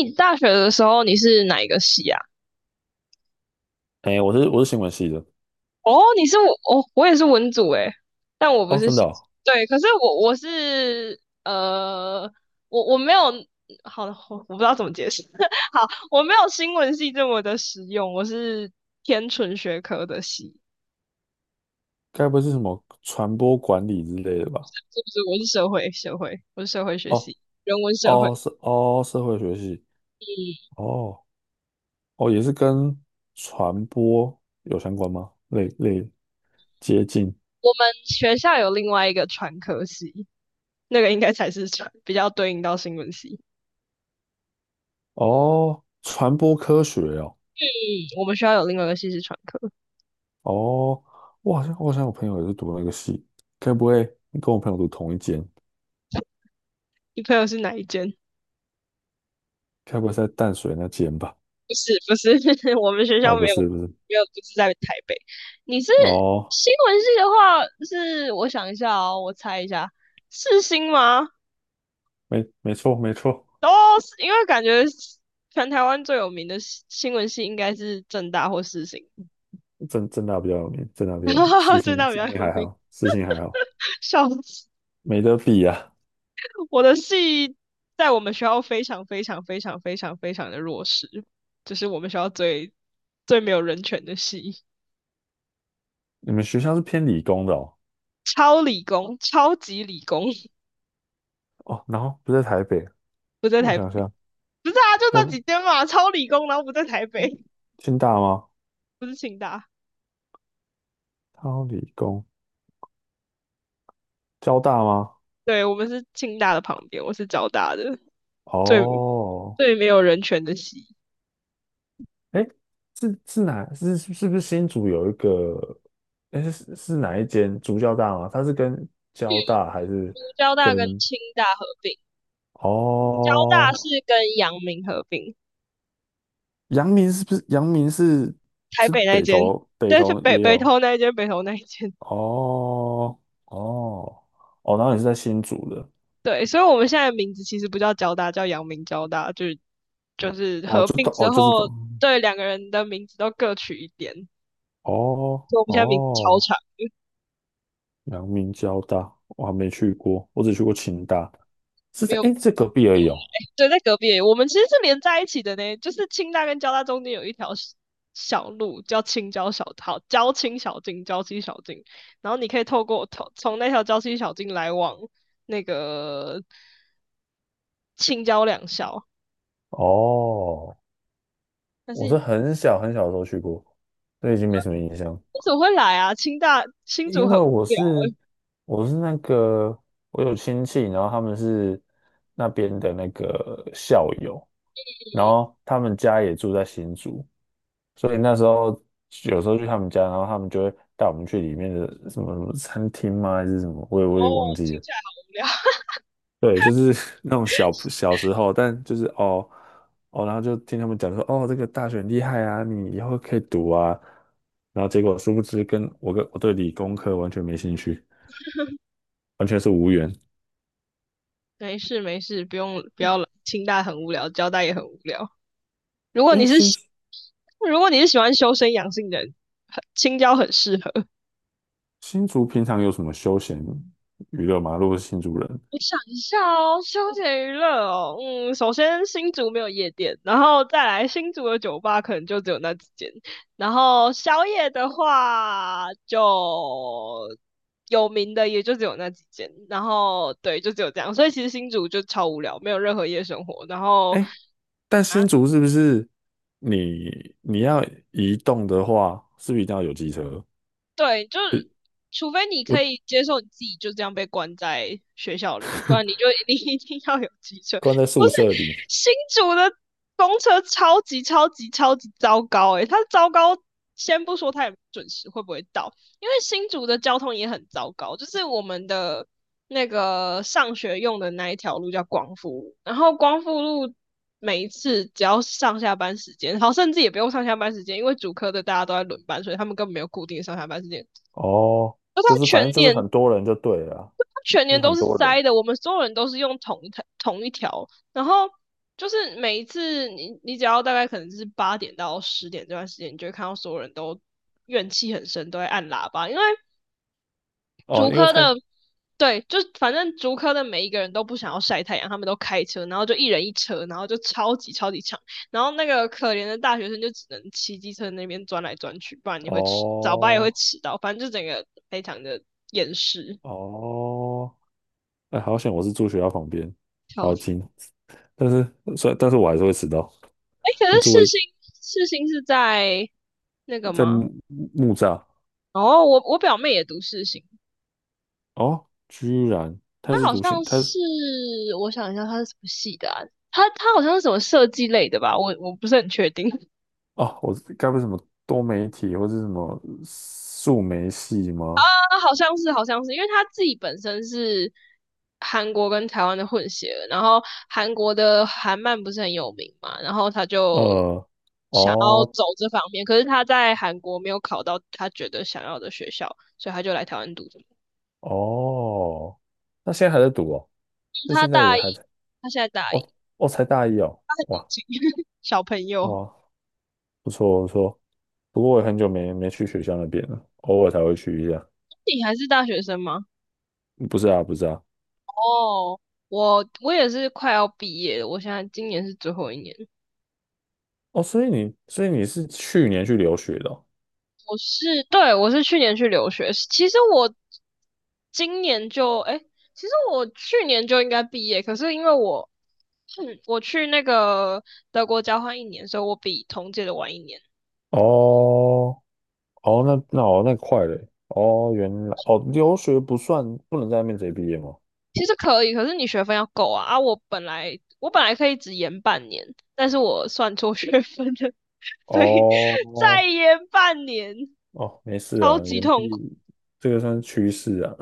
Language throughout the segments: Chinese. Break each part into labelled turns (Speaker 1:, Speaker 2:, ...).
Speaker 1: 你大学的时候你是哪一个系啊？
Speaker 2: 哎、我是新闻系的。
Speaker 1: 哦，你是我，哦，我也是文组诶，但我不
Speaker 2: 哦，
Speaker 1: 是
Speaker 2: 真的
Speaker 1: 系，
Speaker 2: 哦。
Speaker 1: 对，可是我是我没有，好，我不知道怎么解释，好，我没有新闻系这么的实用，我是偏纯学科的系，
Speaker 2: 该不会是什么传播管理之类的吧？
Speaker 1: 是不是？我是社会学
Speaker 2: 哦
Speaker 1: 系，人文社会，
Speaker 2: 哦，
Speaker 1: 嗯，
Speaker 2: 是哦，社会学系。哦哦，也是跟传播有相关吗？类接近。
Speaker 1: 我们学校有另外一个传科系，那个应该才是比较对应到新闻系，
Speaker 2: 哦，传播科学哦。
Speaker 1: 嗯，我们学校有另外一个系是传科。
Speaker 2: 哦，我好像我朋友也是读那个系。该不会你跟我朋友读同一间？
Speaker 1: 你朋友是哪一间？
Speaker 2: 该不会是在淡水那间吧？
Speaker 1: 不是不是，我们学校
Speaker 2: 哦，不
Speaker 1: 没有
Speaker 2: 是不是。
Speaker 1: 没有，不是在台北。你是
Speaker 2: 哦，
Speaker 1: 新闻系的话，是我想一下哦，我猜一下，世新吗？
Speaker 2: 没错没错，
Speaker 1: 哦，是因为感觉全台湾最有名的新闻系应该是正大或世新，
Speaker 2: 正大比较有名，正大比较有名，私
Speaker 1: 正
Speaker 2: 信
Speaker 1: 大比
Speaker 2: 私
Speaker 1: 较
Speaker 2: 信
Speaker 1: 有
Speaker 2: 还
Speaker 1: 名。
Speaker 2: 好，私信还好。
Speaker 1: 笑死，
Speaker 2: 没得比啊！
Speaker 1: 我的系在我们学校非常非常非常非常非常的弱势，就是我们学校最没有人权的系，
Speaker 2: 你们学校是偏理工的哦。
Speaker 1: 超理工，超级理工。
Speaker 2: 哦，然后不在台北。
Speaker 1: 不在
Speaker 2: 我
Speaker 1: 台，不
Speaker 2: 想想，
Speaker 1: 是啊，就
Speaker 2: 要
Speaker 1: 那
Speaker 2: 不
Speaker 1: 几间嘛，超理工，然后不在台北，
Speaker 2: 清大吗？
Speaker 1: 不是清大，
Speaker 2: 超理工，交大吗？
Speaker 1: 对，我们是清大的旁边，我是交大的，最
Speaker 2: 哦，
Speaker 1: 最没有人权的系，
Speaker 2: 哎，是是哪是是不是新竹有一个？哎，是哪一间竹交大吗？它是跟交大还是
Speaker 1: 就是交大跟
Speaker 2: 跟
Speaker 1: 清大合并，交大
Speaker 2: 哦？
Speaker 1: 是跟阳明合并，
Speaker 2: 阳明是不是阳明是
Speaker 1: 台
Speaker 2: 是
Speaker 1: 北那
Speaker 2: 北
Speaker 1: 间，
Speaker 2: 投北
Speaker 1: 但是
Speaker 2: 投
Speaker 1: 北
Speaker 2: 也
Speaker 1: 北
Speaker 2: 有。
Speaker 1: 投那一间，北投那一间，
Speaker 2: 哦哦哦，然后你是在新竹的。
Speaker 1: 对，所以我们现在的名字其实不叫交大，叫阳明交大，就是
Speaker 2: 哦，
Speaker 1: 合
Speaker 2: 就
Speaker 1: 并
Speaker 2: 到哦，
Speaker 1: 之
Speaker 2: 就是到。
Speaker 1: 后，对两个人的名字都各取一点，
Speaker 2: 哦
Speaker 1: 所以我们现在名字超
Speaker 2: 哦，
Speaker 1: 长，
Speaker 2: 阳明交大，我还没去过，我只去过清大，是
Speaker 1: 没
Speaker 2: 在
Speaker 1: 有
Speaker 2: 诶，这隔壁而已哦。
Speaker 1: 对，在隔壁而已我们其实是连在一起的呢，就是清大跟交大中间有一条小路叫青交小，好，交青小径、交七小径，然后你可以透过从那条交七小径来往那个青交两校。
Speaker 2: 哦，
Speaker 1: 但是
Speaker 2: 我
Speaker 1: 为
Speaker 2: 是很小很小的时候去过，所以已经没什么印象。
Speaker 1: 什么会来啊？清大新竹
Speaker 2: 因
Speaker 1: 很无
Speaker 2: 为我
Speaker 1: 聊
Speaker 2: 是我是那个，我有亲戚，然后他们是那边的那个校友，然后他们家也住在新竹，所以那时候有时候去他们家，然后他们就会带我们去里面的什么什么餐厅吗？还是什么？我也
Speaker 1: 哦，
Speaker 2: 我也忘记
Speaker 1: 听
Speaker 2: 了。
Speaker 1: 起来好无聊。
Speaker 2: 对，就是 那种小小时候，但就是哦。哦，然后就听他们讲说，哦，这个大学很厉害啊，你以后可以读啊。然后结果殊不知跟，我跟我对理工科完全没兴趣，完全是无缘。
Speaker 1: 没事没事，不用不要来，清大很无聊，交大也很无聊。如果
Speaker 2: 诶，
Speaker 1: 你是
Speaker 2: 新
Speaker 1: 喜如果你是喜欢修身养性的人，很青交很适合。
Speaker 2: 新竹平常有什么休闲娱乐吗？如果是新竹人。
Speaker 1: 我想一下哦，休闲娱乐哦，嗯，首先新竹没有夜店，然后再来新竹的酒吧可能就只有那几间，然后宵夜的话就有名的也就只有那几间，然后对，就只有这样，所以其实新竹就超无聊，没有任何夜生活，然后
Speaker 2: 哎，但新
Speaker 1: 啊，
Speaker 2: 竹是不是你要移动的话，是不是一定要有机车？
Speaker 1: 对，就是除非你
Speaker 2: 我
Speaker 1: 可以接受你自己就这样被关在学校里，不然你就 你 一定要有机车。
Speaker 2: 关在
Speaker 1: 不
Speaker 2: 宿
Speaker 1: 是
Speaker 2: 舍里。
Speaker 1: 新竹的公车超级超级超级糟糕诶、它糟糕，先不说它也准时会不会到，因为新竹的交通也很糟糕，就是我们的那个上学用的那一条路叫光复路，然后光复路每一次只要上下班时间，好，甚至也不用上下班时间，因为主科的大家都在轮班，所以他们根本没有固定上下班时间。
Speaker 2: 哦，
Speaker 1: 而他
Speaker 2: 就是反
Speaker 1: 全
Speaker 2: 正就是
Speaker 1: 年，
Speaker 2: 很多人就对了啊，
Speaker 1: 他全
Speaker 2: 就
Speaker 1: 年
Speaker 2: 是
Speaker 1: 都
Speaker 2: 很
Speaker 1: 是
Speaker 2: 多人。
Speaker 1: 塞的，我们所有人都是用同一条，然后就是每一次你只要大概可能是8点到10点这段时间，你就会看到所有人都怨气很深，都会按喇叭，因为
Speaker 2: 哦，
Speaker 1: 竹
Speaker 2: 因为
Speaker 1: 科
Speaker 2: 太。
Speaker 1: 的，对，就反正竹科的每一个人都不想要晒太阳，他们都开车，然后就一人一车，然后就超级超级长，然后那个可怜的大学生就只能骑机车那边钻来钻去，不然你会迟，早八也会
Speaker 2: 哦
Speaker 1: 迟到，反正就整个非常的厌世。
Speaker 2: 哦，哎，好险我是住学校旁边，
Speaker 1: 笑
Speaker 2: 好
Speaker 1: 死！
Speaker 2: 近。但是所以但是我还是会迟到。
Speaker 1: 哎，可
Speaker 2: 你
Speaker 1: 是
Speaker 2: 住
Speaker 1: 世
Speaker 2: 为
Speaker 1: 新世新是在那个
Speaker 2: 在
Speaker 1: 吗？
Speaker 2: 木栅。
Speaker 1: 哦，我表妹也读世新，
Speaker 2: 哦，居然
Speaker 1: 她
Speaker 2: 他是
Speaker 1: 好
Speaker 2: 读新，
Speaker 1: 像
Speaker 2: 他。
Speaker 1: 是我想一下，她是什么系的啊？她好像是什么设计类的吧？我不是很确定。
Speaker 2: 哦，我该不是什么多媒体或是什么数媒系吗？
Speaker 1: 那好像是，好像是，因为他自己本身是韩国跟台湾的混血儿然后韩国的韩漫不是很有名嘛，然后他就
Speaker 2: 呃，
Speaker 1: 想要
Speaker 2: 哦
Speaker 1: 走这方面，可是他在韩国没有考到他觉得想要的学校，所以他就来台湾读这个
Speaker 2: 哦，那现在还在读哦？
Speaker 1: 嗯
Speaker 2: 那
Speaker 1: 他
Speaker 2: 现
Speaker 1: 大
Speaker 2: 在也还
Speaker 1: 一，
Speaker 2: 在？
Speaker 1: 他现在大一，
Speaker 2: 哦哦，才大一哦。哇
Speaker 1: 小朋友，
Speaker 2: 哇，不错不错。不过我也很久没去学校那边了，偶尔才会去一下。
Speaker 1: 你还是大学生吗？
Speaker 2: 不是啊不是啊。
Speaker 1: 哦，我也是快要毕业了，我现在今年是最后一年。
Speaker 2: 哦，所以你是去年去留学的哦？
Speaker 1: 我是，对，我是去年去留学。其实我今年就，哎，其实我去年就应该毕业，可是因为我，我去那个德国交换一年，所以我比同届的晚一年。
Speaker 2: 哦哦，那快嘞！哦，原来哦，留学不算不能在那边直接毕业吗？
Speaker 1: 其实可以，可是你学分要够啊。啊，我本来可以只延半年，但是我算错学分了，所以 再
Speaker 2: 哦
Speaker 1: 延半年，
Speaker 2: 哦，没事
Speaker 1: 超
Speaker 2: 啊，
Speaker 1: 级
Speaker 2: 岩
Speaker 1: 痛苦。
Speaker 2: 壁这个算是趋势啊，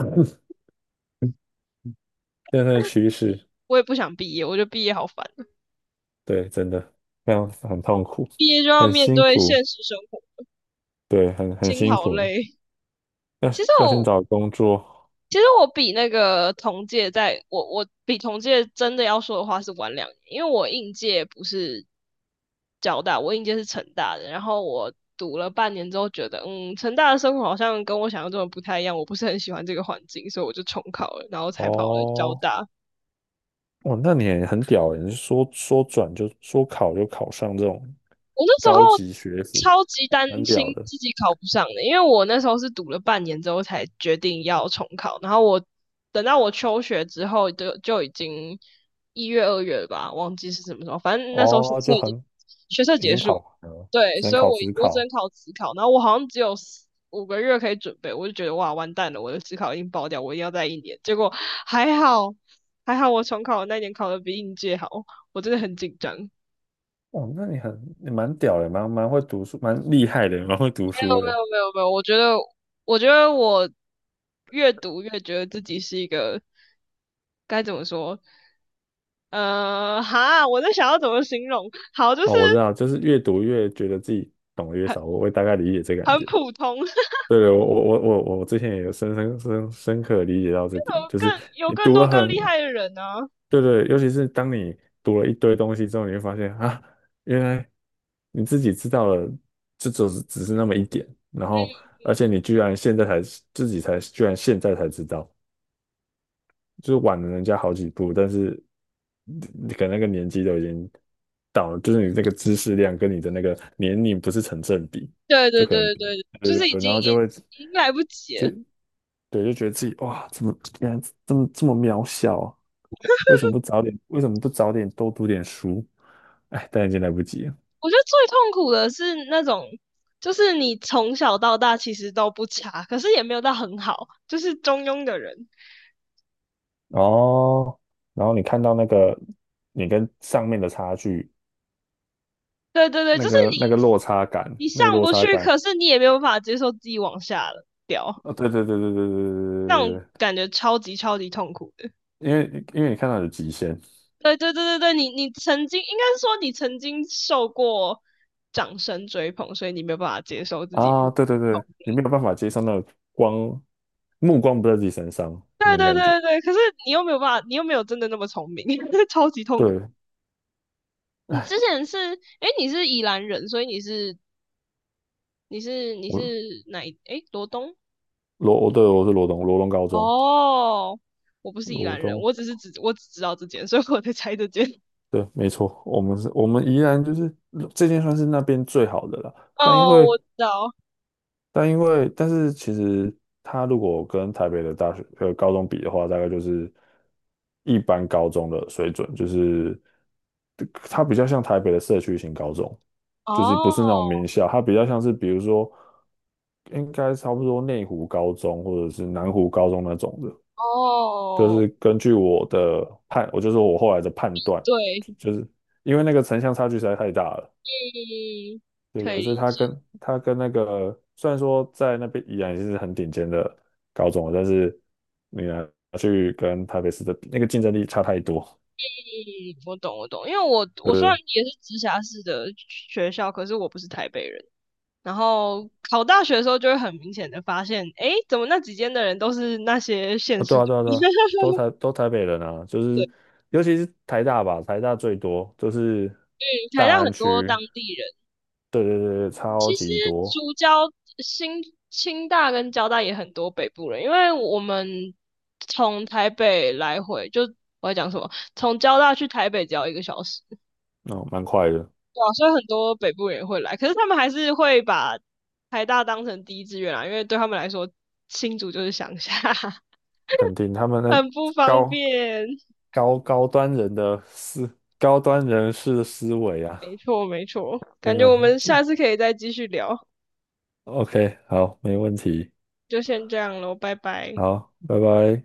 Speaker 2: 这个算是趋势。
Speaker 1: 我也不想毕业，我觉得毕业好烦，
Speaker 2: 对，真的非常很痛苦，
Speaker 1: 毕业就要
Speaker 2: 很
Speaker 1: 面
Speaker 2: 辛
Speaker 1: 对
Speaker 2: 苦。
Speaker 1: 现实生活，
Speaker 2: 对，很
Speaker 1: 心
Speaker 2: 辛
Speaker 1: 好
Speaker 2: 苦。
Speaker 1: 累。
Speaker 2: 要
Speaker 1: 其实
Speaker 2: 要先
Speaker 1: 我
Speaker 2: 找工作。
Speaker 1: 其实我比那个同届我比同届真的要说的话是晚2年，因为我应届不是交大，我应届是成大的，然后我读了半年之后觉得，嗯，成大的生活好像跟我想象中的不太一样，我不是很喜欢这个环境，所以我就重考了，然后才跑了交
Speaker 2: 哦，
Speaker 1: 大。
Speaker 2: 哦，那你也很屌欸，你是说转就说考就考上这种
Speaker 1: 我那时候
Speaker 2: 高级学府，
Speaker 1: 超级担
Speaker 2: 蛮
Speaker 1: 心
Speaker 2: 屌的。
Speaker 1: 自己考不上的，因为我那时候是读了半年之后才决定要重考，然后我等到我休学之后就已经一月二月了吧，忘记是什么时候，反正那时候
Speaker 2: 哦，就很，
Speaker 1: 学测
Speaker 2: 已
Speaker 1: 结
Speaker 2: 经
Speaker 1: 束，
Speaker 2: 考完了，
Speaker 1: 对，
Speaker 2: 只能
Speaker 1: 所以我
Speaker 2: 考职
Speaker 1: 我只能
Speaker 2: 考。
Speaker 1: 考职考，然后我好像只有4、5个月可以准备，我就觉得哇完蛋了，我的职考已经爆掉，我一定要再一年，结果还好还好我重考的那一年考的比应届好，我真的很紧张。
Speaker 2: 哦，那你蛮屌的，蛮会读书，蛮厉害的，蛮会读
Speaker 1: 没有
Speaker 2: 书
Speaker 1: 没有
Speaker 2: 的。
Speaker 1: 没有没有，我觉得我越读越觉得自己是一个该怎么说？哈，我在想要怎么形容？好，就是
Speaker 2: 哦，我知道，就是越读越觉得自己懂得越
Speaker 1: 很
Speaker 2: 少，我会大概理解这感
Speaker 1: 很
Speaker 2: 觉。
Speaker 1: 普通，有
Speaker 2: 对对，我之前也有深刻地理解到这点，就是你
Speaker 1: 更
Speaker 2: 读了
Speaker 1: 多更
Speaker 2: 很。
Speaker 1: 厉害的人呢、啊
Speaker 2: 对对，尤其是当你读了一堆东西之后，你会发现啊，原来你自己知道了，这只是那么一点，然后而且你居然现在才自己才居然现在才知道，就是晚了人家好几步，但是你可能那个年纪都已经到了，就是你那个知识量跟你的那个年龄不是成正比，
Speaker 1: 对
Speaker 2: 就
Speaker 1: 对
Speaker 2: 可能
Speaker 1: 对
Speaker 2: 比，
Speaker 1: 对对，
Speaker 2: 对
Speaker 1: 就是
Speaker 2: 对
Speaker 1: 已
Speaker 2: 对，
Speaker 1: 经
Speaker 2: 然后就会，
Speaker 1: 已经来不及
Speaker 2: 就
Speaker 1: 了。
Speaker 2: 对，就觉得自己哇，怎么原来这么这么渺小啊？为什么不早点？为什么不早点多读点书？哎，但已经来不及了。
Speaker 1: 我觉得最痛苦的是那种，就是你从小到大其实都不差，可是也没有到很好，就是中庸的人。
Speaker 2: 哦，然后你看到那个你跟上面的差距，
Speaker 1: 对对对，
Speaker 2: 那
Speaker 1: 就是
Speaker 2: 个
Speaker 1: 你
Speaker 2: 那个落差感，
Speaker 1: 你
Speaker 2: 那个
Speaker 1: 上
Speaker 2: 落
Speaker 1: 不
Speaker 2: 差
Speaker 1: 去，
Speaker 2: 感
Speaker 1: 可是你也没有办法接受自己往下了掉，
Speaker 2: 啊，对对对对对对
Speaker 1: 那种
Speaker 2: 对对。
Speaker 1: 感觉超级超级痛苦的。
Speaker 2: 因为你看到有极限
Speaker 1: 对对对对对，你曾经应该是说你曾经受过掌声追捧，所以你没有办法接受自己变
Speaker 2: 啊。对对
Speaker 1: 痛。
Speaker 2: 对，你没有办法接受那个光，目光不在自己身上那
Speaker 1: 对
Speaker 2: 种
Speaker 1: 对
Speaker 2: 感觉。
Speaker 1: 对对对，可是你又没有办法，你又没有真的那么聪明，超级痛苦。
Speaker 2: 对，
Speaker 1: 你之前是，诶，你是宜兰人，所以你是你是你
Speaker 2: 我
Speaker 1: 是哪一？诶，罗东
Speaker 2: 我对，我是罗东，罗东高中。
Speaker 1: 哦，我不是宜
Speaker 2: 罗
Speaker 1: 兰人，
Speaker 2: 东，
Speaker 1: 我只知道这间，所以我在猜这间。
Speaker 2: 对，没错，我们宜兰就是这件算是那边最好的了，但因
Speaker 1: 哦，我
Speaker 2: 为
Speaker 1: 知道。
Speaker 2: 但因为，但是其实它如果跟台北的大学高中比的话，大概就是一般高中的水准，就是它比较像台北的社区型高中，就是不是那种
Speaker 1: 哦
Speaker 2: 名校，它比较像是比如说应该差不多内湖高中或者是南湖高中那种的，就
Speaker 1: 哦，
Speaker 2: 是根据我的判，我就说我后来的判断，
Speaker 1: 对，
Speaker 2: 就是因为那个城乡差距实在太大了。
Speaker 1: 嗯，
Speaker 2: 对
Speaker 1: 可
Speaker 2: 对，所
Speaker 1: 以，
Speaker 2: 以他跟那个虽然说在那边依然是很顶尖的高中了，但是你拿去跟台北市的比那个竞争力差太多。
Speaker 1: 嗯，我懂我懂，因为我虽然
Speaker 2: 呃，
Speaker 1: 也是直辖市的学校，可是我不是台北人。然后考大学的时候，就会很明显的发现，诶，怎么那几间的人都是那些县
Speaker 2: 啊，
Speaker 1: 市
Speaker 2: 对啊
Speaker 1: 的
Speaker 2: 对啊对
Speaker 1: 人？
Speaker 2: 啊，都 台都台北人啊，就
Speaker 1: 对，
Speaker 2: 是尤其是台大吧，台大最多，就是
Speaker 1: 嗯，台
Speaker 2: 大
Speaker 1: 大很
Speaker 2: 安
Speaker 1: 多当
Speaker 2: 区，
Speaker 1: 地人。
Speaker 2: 对对对，对超级
Speaker 1: 竹
Speaker 2: 多。
Speaker 1: 交新清大跟交大也很多北部人，因为我们从台北来回就我在讲什么，从交大去台北只要一个小时，
Speaker 2: 哦，蛮快的，
Speaker 1: 对啊，所以很多北部人也会来，可是他们还是会把台大当成第一志愿啊，因为对他们来说新竹就是乡下，
Speaker 2: 肯定他们的
Speaker 1: 很不方
Speaker 2: 高
Speaker 1: 便。
Speaker 2: 高高端人的思高端人士的思维啊。
Speaker 1: 没错没错，
Speaker 2: 真
Speaker 1: 感觉
Speaker 2: 的
Speaker 1: 我们下次可以再继续聊，
Speaker 2: OK,好，没问题。
Speaker 1: 就先这样喽，拜拜。
Speaker 2: 好，拜拜。